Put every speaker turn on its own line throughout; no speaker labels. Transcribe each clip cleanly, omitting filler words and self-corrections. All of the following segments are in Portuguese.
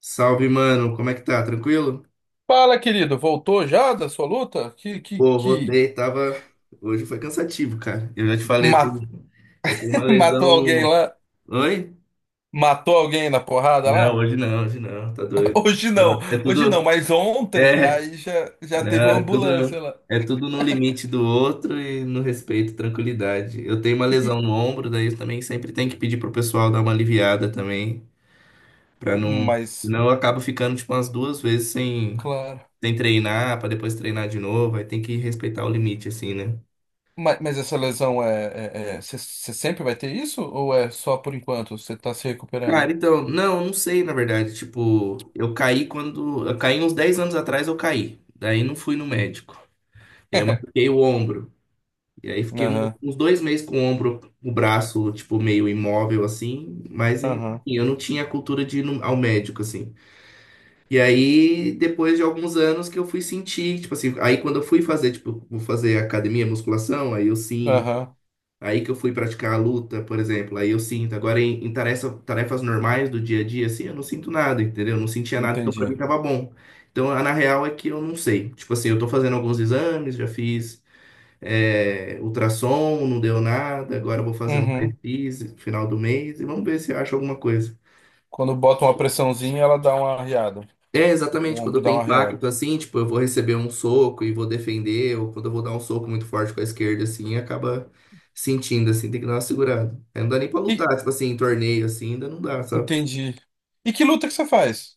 Salve, mano. Como é que tá? Tranquilo?
Fala, querido, voltou já da sua luta?
Pô, voltei, tava. Hoje foi cansativo, cara. Eu já te falei, eu
Ma-
tenho, eu tenho uma lesão
matou alguém
no.
lá?
Oi?
Matou alguém na porrada
Não,
lá?
hoje não, hoje não, tá doido.
Hoje
Ah,
não,
é
hoje não,
tudo.
mas ontem
É,
aí já
não,
teve uma
é
ambulância
tudo.
lá.
É tudo no limite do outro e no respeito, tranquilidade. Eu tenho uma
E- e-
lesão no ombro, daí eu também sempre tenho que pedir pro pessoal dar uma aliviada também, pra não.
mas,
Senão eu acabo ficando, tipo, umas duas vezes sem,
claro.
sem treinar, pra depois treinar de novo. Aí tem que respeitar o limite, assim, né?
Mas essa lesão é. Você sempre vai ter isso? Ou é só por enquanto? Você tá se recuperando?
Cara, então, não, eu não sei, na verdade. Tipo, eu caí quando. Eu caí uns 10 anos atrás, eu caí. Daí não fui no médico. Eu machuquei o ombro. E aí fiquei
Aham,
uns 2 meses com o ombro, o braço, tipo, meio imóvel, assim. Mas, enfim,
aham,
eu não tinha a cultura de ir ao médico, assim. E aí, depois de alguns anos que eu fui sentir, tipo assim, aí quando eu fui fazer, tipo, vou fazer academia, musculação, aí eu sim.
aham,
Aí que eu fui praticar a luta, por exemplo. Aí eu sinto. Agora, em tarefas normais do dia a dia, assim, eu não sinto nada, entendeu? Eu não sentia nada, então pra mim
entendi.
tava bom. Então, na real é que eu não sei. Tipo assim, eu tô fazendo alguns exames, já fiz ultrassom, não deu nada. Agora eu vou fazer um
Uhum.
raio-x no final do mês e vamos ver se eu acho alguma coisa.
Quando bota uma pressãozinha, ela dá uma arriada.
É,
O
exatamente,
ombro
quando
dá
tem
uma arriada.
impacto assim, tipo, eu vou receber um soco e vou defender, ou quando eu vou dar um soco muito forte com a esquerda, assim, acaba sentindo, assim, tem que dar uma segurada. Aí não dá nem pra lutar, tipo assim, em torneio, assim, ainda não dá, sabe?
Entendi. E que luta que você faz?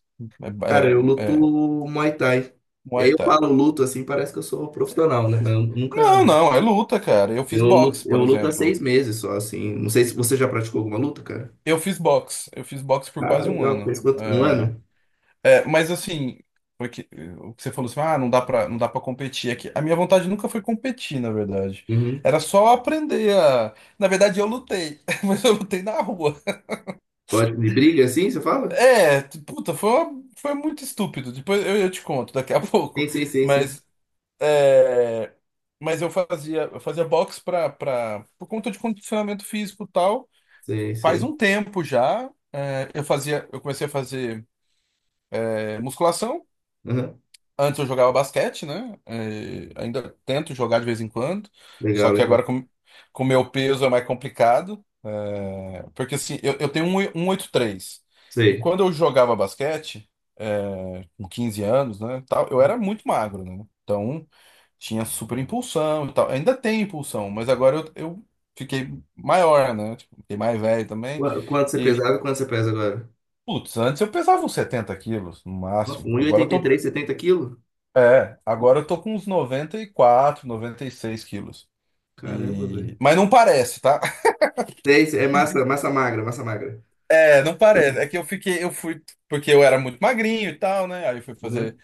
Cara, eu
É, é,
luto
é
Muay Thai. E
Muay
aí eu
Thai.
falo luto, assim, parece que eu sou profissional, né? Eu nunca...
Não, não, é luta, cara. Eu fiz
Eu luto,
boxe,
eu
por
luto há
exemplo.
6 meses só, assim. Não sei se você já praticou alguma luta, cara?
Eu fiz boxe. Eu fiz boxe por
Ah,
quase um
legal.
ano.
Fez quanto? Um
É,
ano?
é, mas assim, porque, o que você falou assim, ah, não dá pra competir aqui. A minha vontade nunca foi competir, na verdade.
Uhum.
Era só aprender a, na verdade, eu lutei, mas eu lutei na rua.
Pode, de briga, assim, você fala?
É, puta, foi, foi muito estúpido. Depois eu te conto daqui a
Sim,
pouco.
sim, sim, sim.
Mas É, mas eu fazia boxe pra, por conta de condicionamento físico e tal.
Sei,
Faz
sei.
um tempo já. É, eu comecei a fazer musculação.
Uhum.
Antes eu jogava basquete, né? Ainda tento jogar de vez em quando, só
Legal,
que
legal.
agora com o meu peso é mais complicado, porque assim, eu tenho um 1,83. E 83, e
Sei.
quando eu jogava basquete, com 15 anos, né, tal, eu era muito magro, né? Então tinha super impulsão e tal. Ainda tem impulsão, mas agora eu fiquei maior, né? Tipo, fiquei mais velho também.
Quanto você
E,
pesava e quanto você pesa agora?
putz, antes eu pesava uns 70 quilos no
Nossa,
máximo. Agora eu tô.
1,83, 70 quilos?
É, agora eu tô com uns 90 94, 96 quilos.
Caramba,
E,
velho.
mas não parece, tá?
Sei, sei, é massa, massa magra, massa magra.
É, não parece. É que eu fui, porque eu era muito magrinho e tal, né? Aí eu fui
Né?
fazer,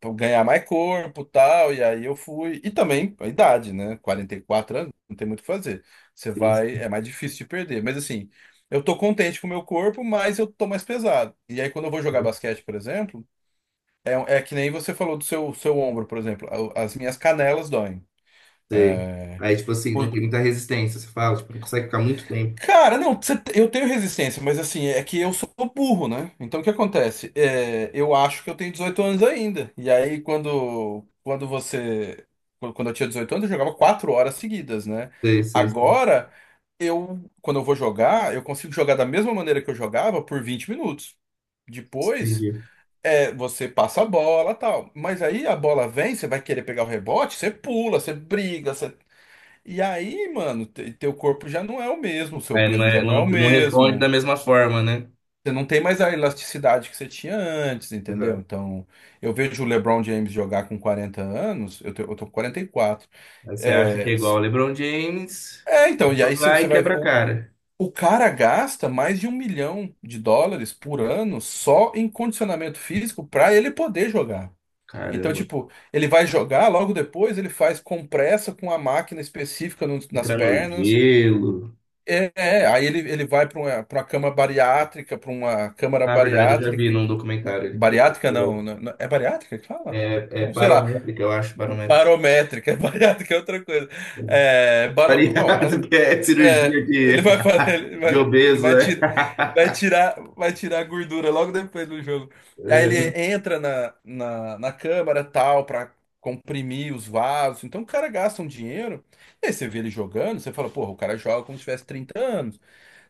pra ganhar mais corpo e tal, e aí eu fui. E também a idade, né? 44 anos, não tem muito o que fazer. Você
Sim,
vai,
sim.
é mais difícil de perder. Mas assim, eu tô contente com o meu corpo, mas eu tô mais pesado. E aí quando eu vou jogar basquete, por exemplo, é que nem você falou do seu ombro, por exemplo. As minhas canelas doem.
Sei.
É,
Aí, tipo assim, não
Por...
tem muita resistência, você fala, tipo, não consegue ficar muito tempo.
Cara, não, eu tenho resistência, mas assim, é que eu sou burro, né? Então o que acontece? É, eu acho que eu tenho 18 anos ainda. E aí, quando você. Quando eu tinha 18 anos, eu jogava 4 horas seguidas, né?
Sei, sei, sei.
Agora, eu, quando eu vou jogar, eu consigo jogar da mesma maneira que eu jogava por 20 minutos. Depois,
Entendi.
você passa a bola, tal. Mas aí a bola vem, você vai querer pegar o rebote, você pula, você briga, e aí, mano, teu corpo já não é o mesmo, seu peso já
É,
não é
não,
o
não responde da
mesmo.
mesma forma, né?
Você não tem mais a elasticidade que você tinha antes, entendeu?
Exato.
Então, eu vejo o LeBron James jogar com 40 anos, eu tô com 44.
Aí você acha que é
É,
igual o
s-
LeBron James,
é, então, e aí você
vai
você
e
vai ver.
quebra a
O,
cara.
o cara gasta mais de 1 milhão de dólares por ano só em condicionamento físico para ele poder jogar. Então,
Caramba.
tipo, ele vai jogar, logo depois ele faz compressa com a máquina específica nas
Entra no
pernas.
gelo.
É, aí ele vai para uma, cama bariátrica, para uma câmara
Na verdade, eu já vi
bariátrica.
num documentário ele
Bariátrica não,
falando.
não- não- é bariátrica que fala?
É
Bom, sei lá,
barométrica, eu acho, barométrica.
barométrica, bariátrica é outra coisa. É, barô, bom,
Variado,
é,
que é
é,
cirurgia de,
ele vai, ele
de
vai, ele
obeso,
vai,
é.
tirar, vai tirar a gordura logo depois do jogo. E aí
Uhum.
ele entra na câmara tal, para comprimir os vasos. Então o cara gasta um dinheiro, e aí você vê ele jogando, você fala, porra, o cara joga como se tivesse 30 anos.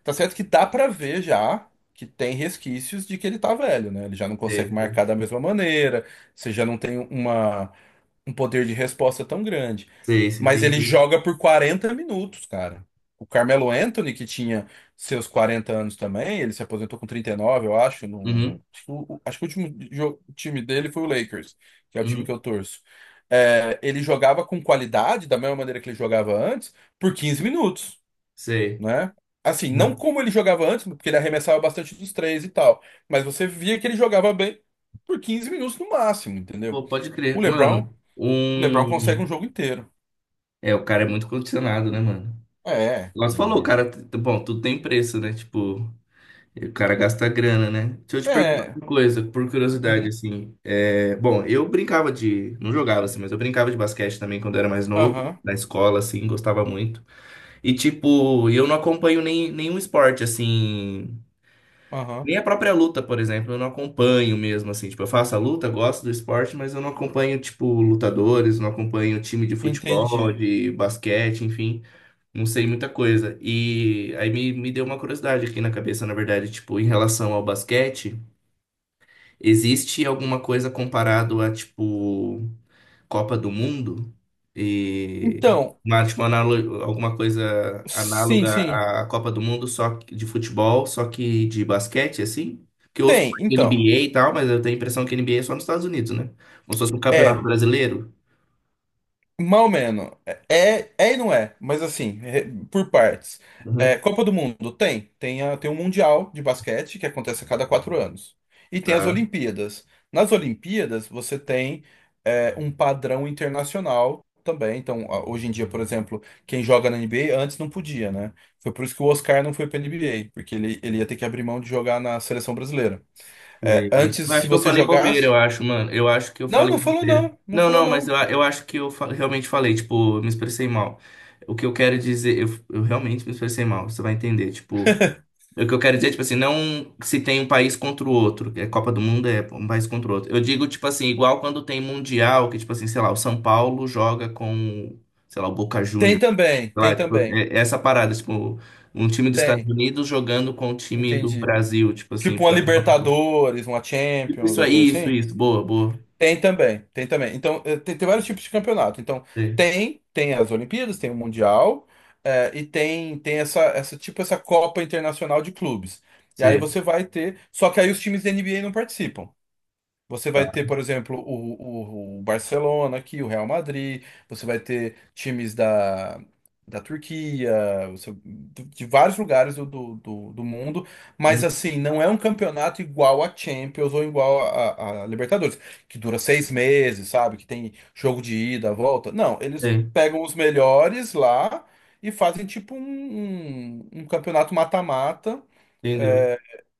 Tá certo que dá pra ver já que tem resquícios de que ele tá velho, né? Ele já não
Sei,
consegue
sei.
marcar da mesma maneira, você já não tem um poder de resposta tão grande.
Sei, isso,
Mas ele
entendi.
joga por 40 minutos, cara. O Carmelo Anthony, que tinha seus 40 anos também, ele se aposentou com 39, eu acho. No,
Uhum,
acho que o último time dele foi o Lakers, que é o time que
uhum,
eu torço. É, ele jogava com qualidade, da mesma maneira que ele jogava antes, por 15 minutos,
sei.
né? Assim, não
Né?
como ele jogava antes, porque ele arremessava bastante dos três e tal, mas você via que ele jogava bem por 15 minutos no máximo, entendeu?
Pô, pode
O
crer.
LeBron,
Mano,
o LeBron consegue um
um...
jogo inteiro.
É, o cara é muito condicionado, né, mano?
É,
Nós falou, o
E-
cara... Bom, tudo tem preço, né? Tipo... E o cara gasta grana, né? Deixa eu te perguntar
é,
uma coisa, por curiosidade,
uhum,
assim. É... Bom, eu brincava de. Não jogava, assim, mas eu brincava de basquete também quando eu era mais novo,
aham,
na escola, assim, gostava muito. E, tipo, eu não acompanho nem, nenhum esporte, assim.
aham,
Nem a própria luta, por exemplo, eu não acompanho mesmo, assim. Tipo, eu faço a luta, gosto do esporte, mas eu não acompanho, tipo, lutadores, não acompanho time de futebol,
entendi.
de basquete, enfim. Não sei muita coisa. E aí me deu uma curiosidade aqui na cabeça, na verdade, tipo, em relação ao basquete, existe alguma coisa comparado a, tipo, Copa do Mundo? E
Então,
uma, tipo, alguma coisa
sim,
análoga
sim,
à Copa do Mundo, de futebol, só que de basquete, assim? Que eu ouço
tem,
falar de
então.
NBA e tal, mas eu tenho a impressão que NBA é só nos Estados Unidos, né? Como se fosse um campeonato
É
brasileiro.
mal menos. É, é e não é, mas assim, por partes. É,
Uhum.
Copa do Mundo tem. Tem um Mundial de basquete que acontece a cada 4 anos. E tem as Olimpíadas. Nas Olimpíadas, você tem um padrão internacional também. Então, hoje em dia, por exemplo, quem joga na NBA antes não podia, né? Foi por isso que o Oscar não foi para NBA, porque ele ia ter que abrir mão de jogar na seleção brasileira. É,
Sei.
antes,
Eu
se
acho que eu
você
falei bobeira,
jogasse.
eu acho, mano. Eu acho que eu
Não,
falei
não falou
bobeira.
não. Não
Não,
falou
não, mas eu,
não.
eu acho que eu realmente falei, tipo, eu me expressei mal. O que eu quero dizer, eu realmente me expressei mal, você vai entender, tipo. O que eu quero dizer, tipo assim, não se tem um país contra o outro, que é Copa do Mundo é um país contra o outro. Eu digo, tipo assim, igual quando tem Mundial, que, tipo assim, sei lá, o São Paulo joga com, sei lá, o Boca
Tem
Juniors.
também,
Sei
tem
lá, tipo,
também.
é essa parada, tipo, um time dos Estados
Tem.
Unidos jogando com o time do
Entendi.
Brasil, tipo assim.
Tipo uma Libertadores, uma
Tipo,
Champions,
isso
uma coisa
aí, isso,
assim?
isso. Boa, boa.
Tem também, tem também. Então, tem vários tipos de campeonato. Então,
Sei,
tem as Olimpíadas, tem o Mundial, e tem tipo, essa Copa Internacional de Clubes. E aí
sei.
você vai ter. Só que aí os times da NBA não participam. Você vai
Tá.
ter, por exemplo, o Barcelona aqui, o Real Madrid, você vai ter times da Turquia, de vários lugares do mundo, mas
Hum,
assim, não é um campeonato igual a Champions ou igual a Libertadores, que dura 6 meses, sabe? Que tem jogo de ida, volta. Não, eles
sei.
pegam os melhores lá e fazem tipo um, um campeonato mata-mata
Entendeu?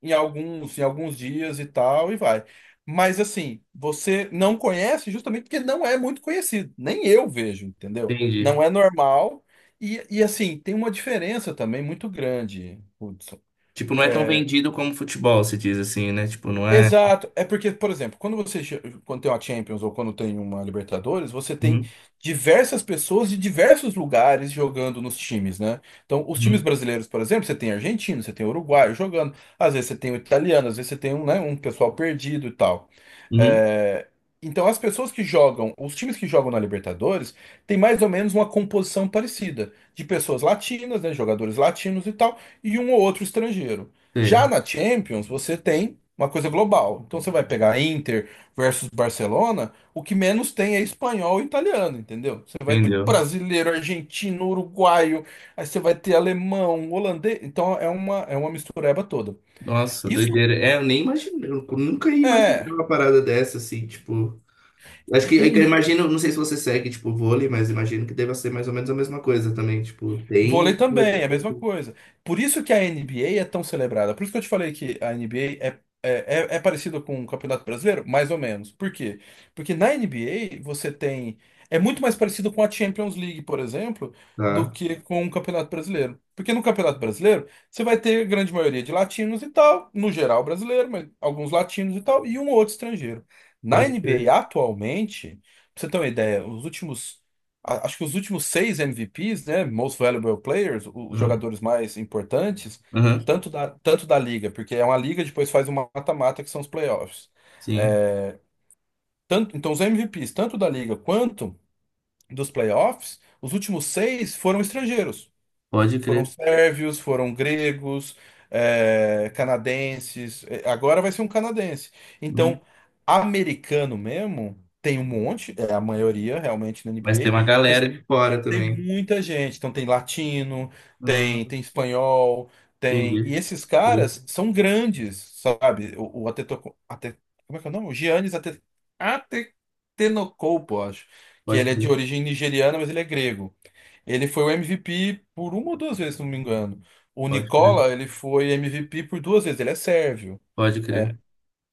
em alguns dias e tal, e vai. Mas assim, você não conhece justamente porque não é muito conhecido. Nem eu vejo, entendeu? Não
Entendi.
é normal. E assim, tem uma diferença também muito grande, Hudson.
Tipo, não é tão
É,
vendido como futebol, se diz assim, né? Tipo, não é.
exato. É porque, por exemplo, quando quando tem uma Champions ou quando tem uma Libertadores, você tem
Uhum,
diversas pessoas de diversos lugares jogando nos times, né? Então, os times
uhum,
brasileiros, por exemplo, você tem argentino, você tem uruguaio jogando, às vezes você tem o italiano, às vezes você tem um, né, um pessoal perdido e tal.
uhum.
É, então, as pessoas que jogam, os times que jogam na Libertadores, tem mais ou menos uma composição parecida de pessoas latinas, né, jogadores latinos e tal, e um ou outro estrangeiro. Já
Sei,
na Champions, você tem uma coisa global. Então você vai pegar Inter versus Barcelona, o que menos tem é espanhol e italiano, entendeu? Você vai ter
entendeu?
brasileiro, argentino, uruguaio, aí você vai ter alemão, holandês. Então é uma mistureba toda.
Nossa,
Isso
doideira. É, eu nem imaginei, eu nunca ia imaginar
é.
uma parada dessa, assim, tipo. Acho que eu
E,
imagino, não sei se você segue, tipo, vôlei, mas imagino que deva ser mais ou menos a mesma coisa também. Tipo,
vôlei
tem. Vai ter
também, é a mesma
concurso.
coisa. Por isso que a NBA é tão celebrada. Por isso que eu te falei que a NBA é parecida com o Campeonato Brasileiro? Mais ou menos. Por quê? Porque na NBA você tem. É muito mais parecido com a Champions League, por exemplo, do
Tá,
que com o Campeonato Brasileiro. Porque no Campeonato Brasileiro você vai ter a grande maioria de latinos e tal, no geral brasileiro, mas alguns latinos e tal, e um ou outro estrangeiro. Na
pode crer.
NBA atualmente, pra você ter uma ideia, os últimos acho que os últimos 6 MVPs, né, Most Valuable Players, os
Uhum,
jogadores mais importantes,
uhum,
tanto da liga, porque é uma liga, depois faz uma mata-mata, que são os playoffs.
sim,
É, tanto, então, os MVPs, tanto da liga quanto dos playoffs, os últimos 6 foram estrangeiros.
pode
Foram
crer.
sérvios, foram gregos, canadenses. É, agora vai ser um canadense.
Uhum.
Então, americano mesmo, tem um monte, é a maioria realmente na
Mas tem uma
NBA.
galera de fora
Tem
também.
muita gente, então tem latino, tem
Hum,
tem espanhol, tem. E
entendi.
esses
Pô,
caras são grandes, sabe? Como é que é o nome? O Giannis Atetenokounmpo, acho. Que
pode
ele é de
crer,
origem nigeriana, mas ele é grego. Ele foi o MVP por uma ou duas vezes, se não me engano. O
pode crer,
Nicola, ele foi MVP por duas vezes, ele é sérvio.
pode crer.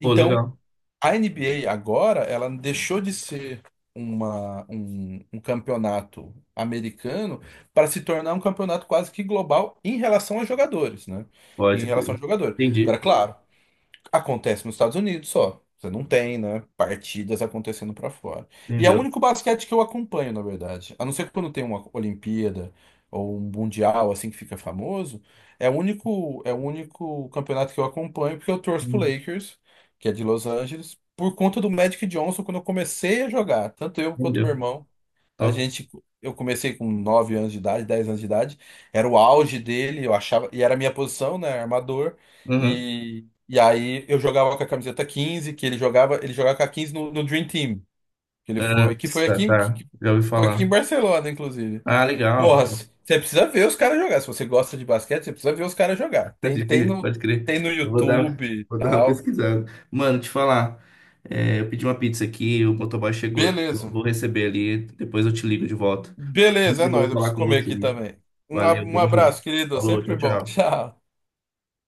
Pô, legal.
a NBA agora, ela deixou de ser um campeonato americano para se tornar um campeonato quase que global em relação a jogadores, né? Em
Pode
relação a
crer.
jogadores.
Entendi.
Agora,
Top.
claro. Acontece nos Estados Unidos só. Você não tem, né? Partidas acontecendo pra fora. E é o
Entendeu.
único basquete que eu acompanho, na verdade. A não ser quando tem uma Olimpíada ou um Mundial, assim, que fica famoso. É o único campeonato que eu acompanho, porque eu torço pro
Uhum,
Lakers, que é de Los Angeles, por conta do Magic Johnson, quando eu comecei a jogar, tanto eu quanto meu
entendeu.
irmão. A
Top.
gente, eu comecei com 9 anos de idade, 10 anos de idade. Era o auge dele, eu achava, e era a minha posição, né, armador.
Uhum.
E aí eu jogava com a camiseta 15 que ele jogava com a 15 no Dream Team, que ele
Ah,
foi, que foi
tá,
aqui,
tá.
que
Já ouvi
que foi aqui
falar.
em Barcelona, inclusive.
Ah, legal.
Porra, você precisa ver os caras jogar. Se você gosta de basquete, você precisa ver os caras jogar. Tem,
Pode
tem
crer,
no,
pode crer.
tem no
Eu vou
YouTube
dar,
e
vou dar uma
tal.
pesquisada. Mano, te falar. Eu pedi uma pizza aqui, o motoboy chegou aqui. Eu
Beleza.
vou receber ali, depois eu te ligo de volta.
Beleza, é
Muito
nóis.
bom
Eu preciso
falar com
comer
você.
aqui também. Um, a-
Valeu,
um
tamo junto.
abraço, querido.
Falou, tchau,
Sempre bom.
tchau.
Tchau.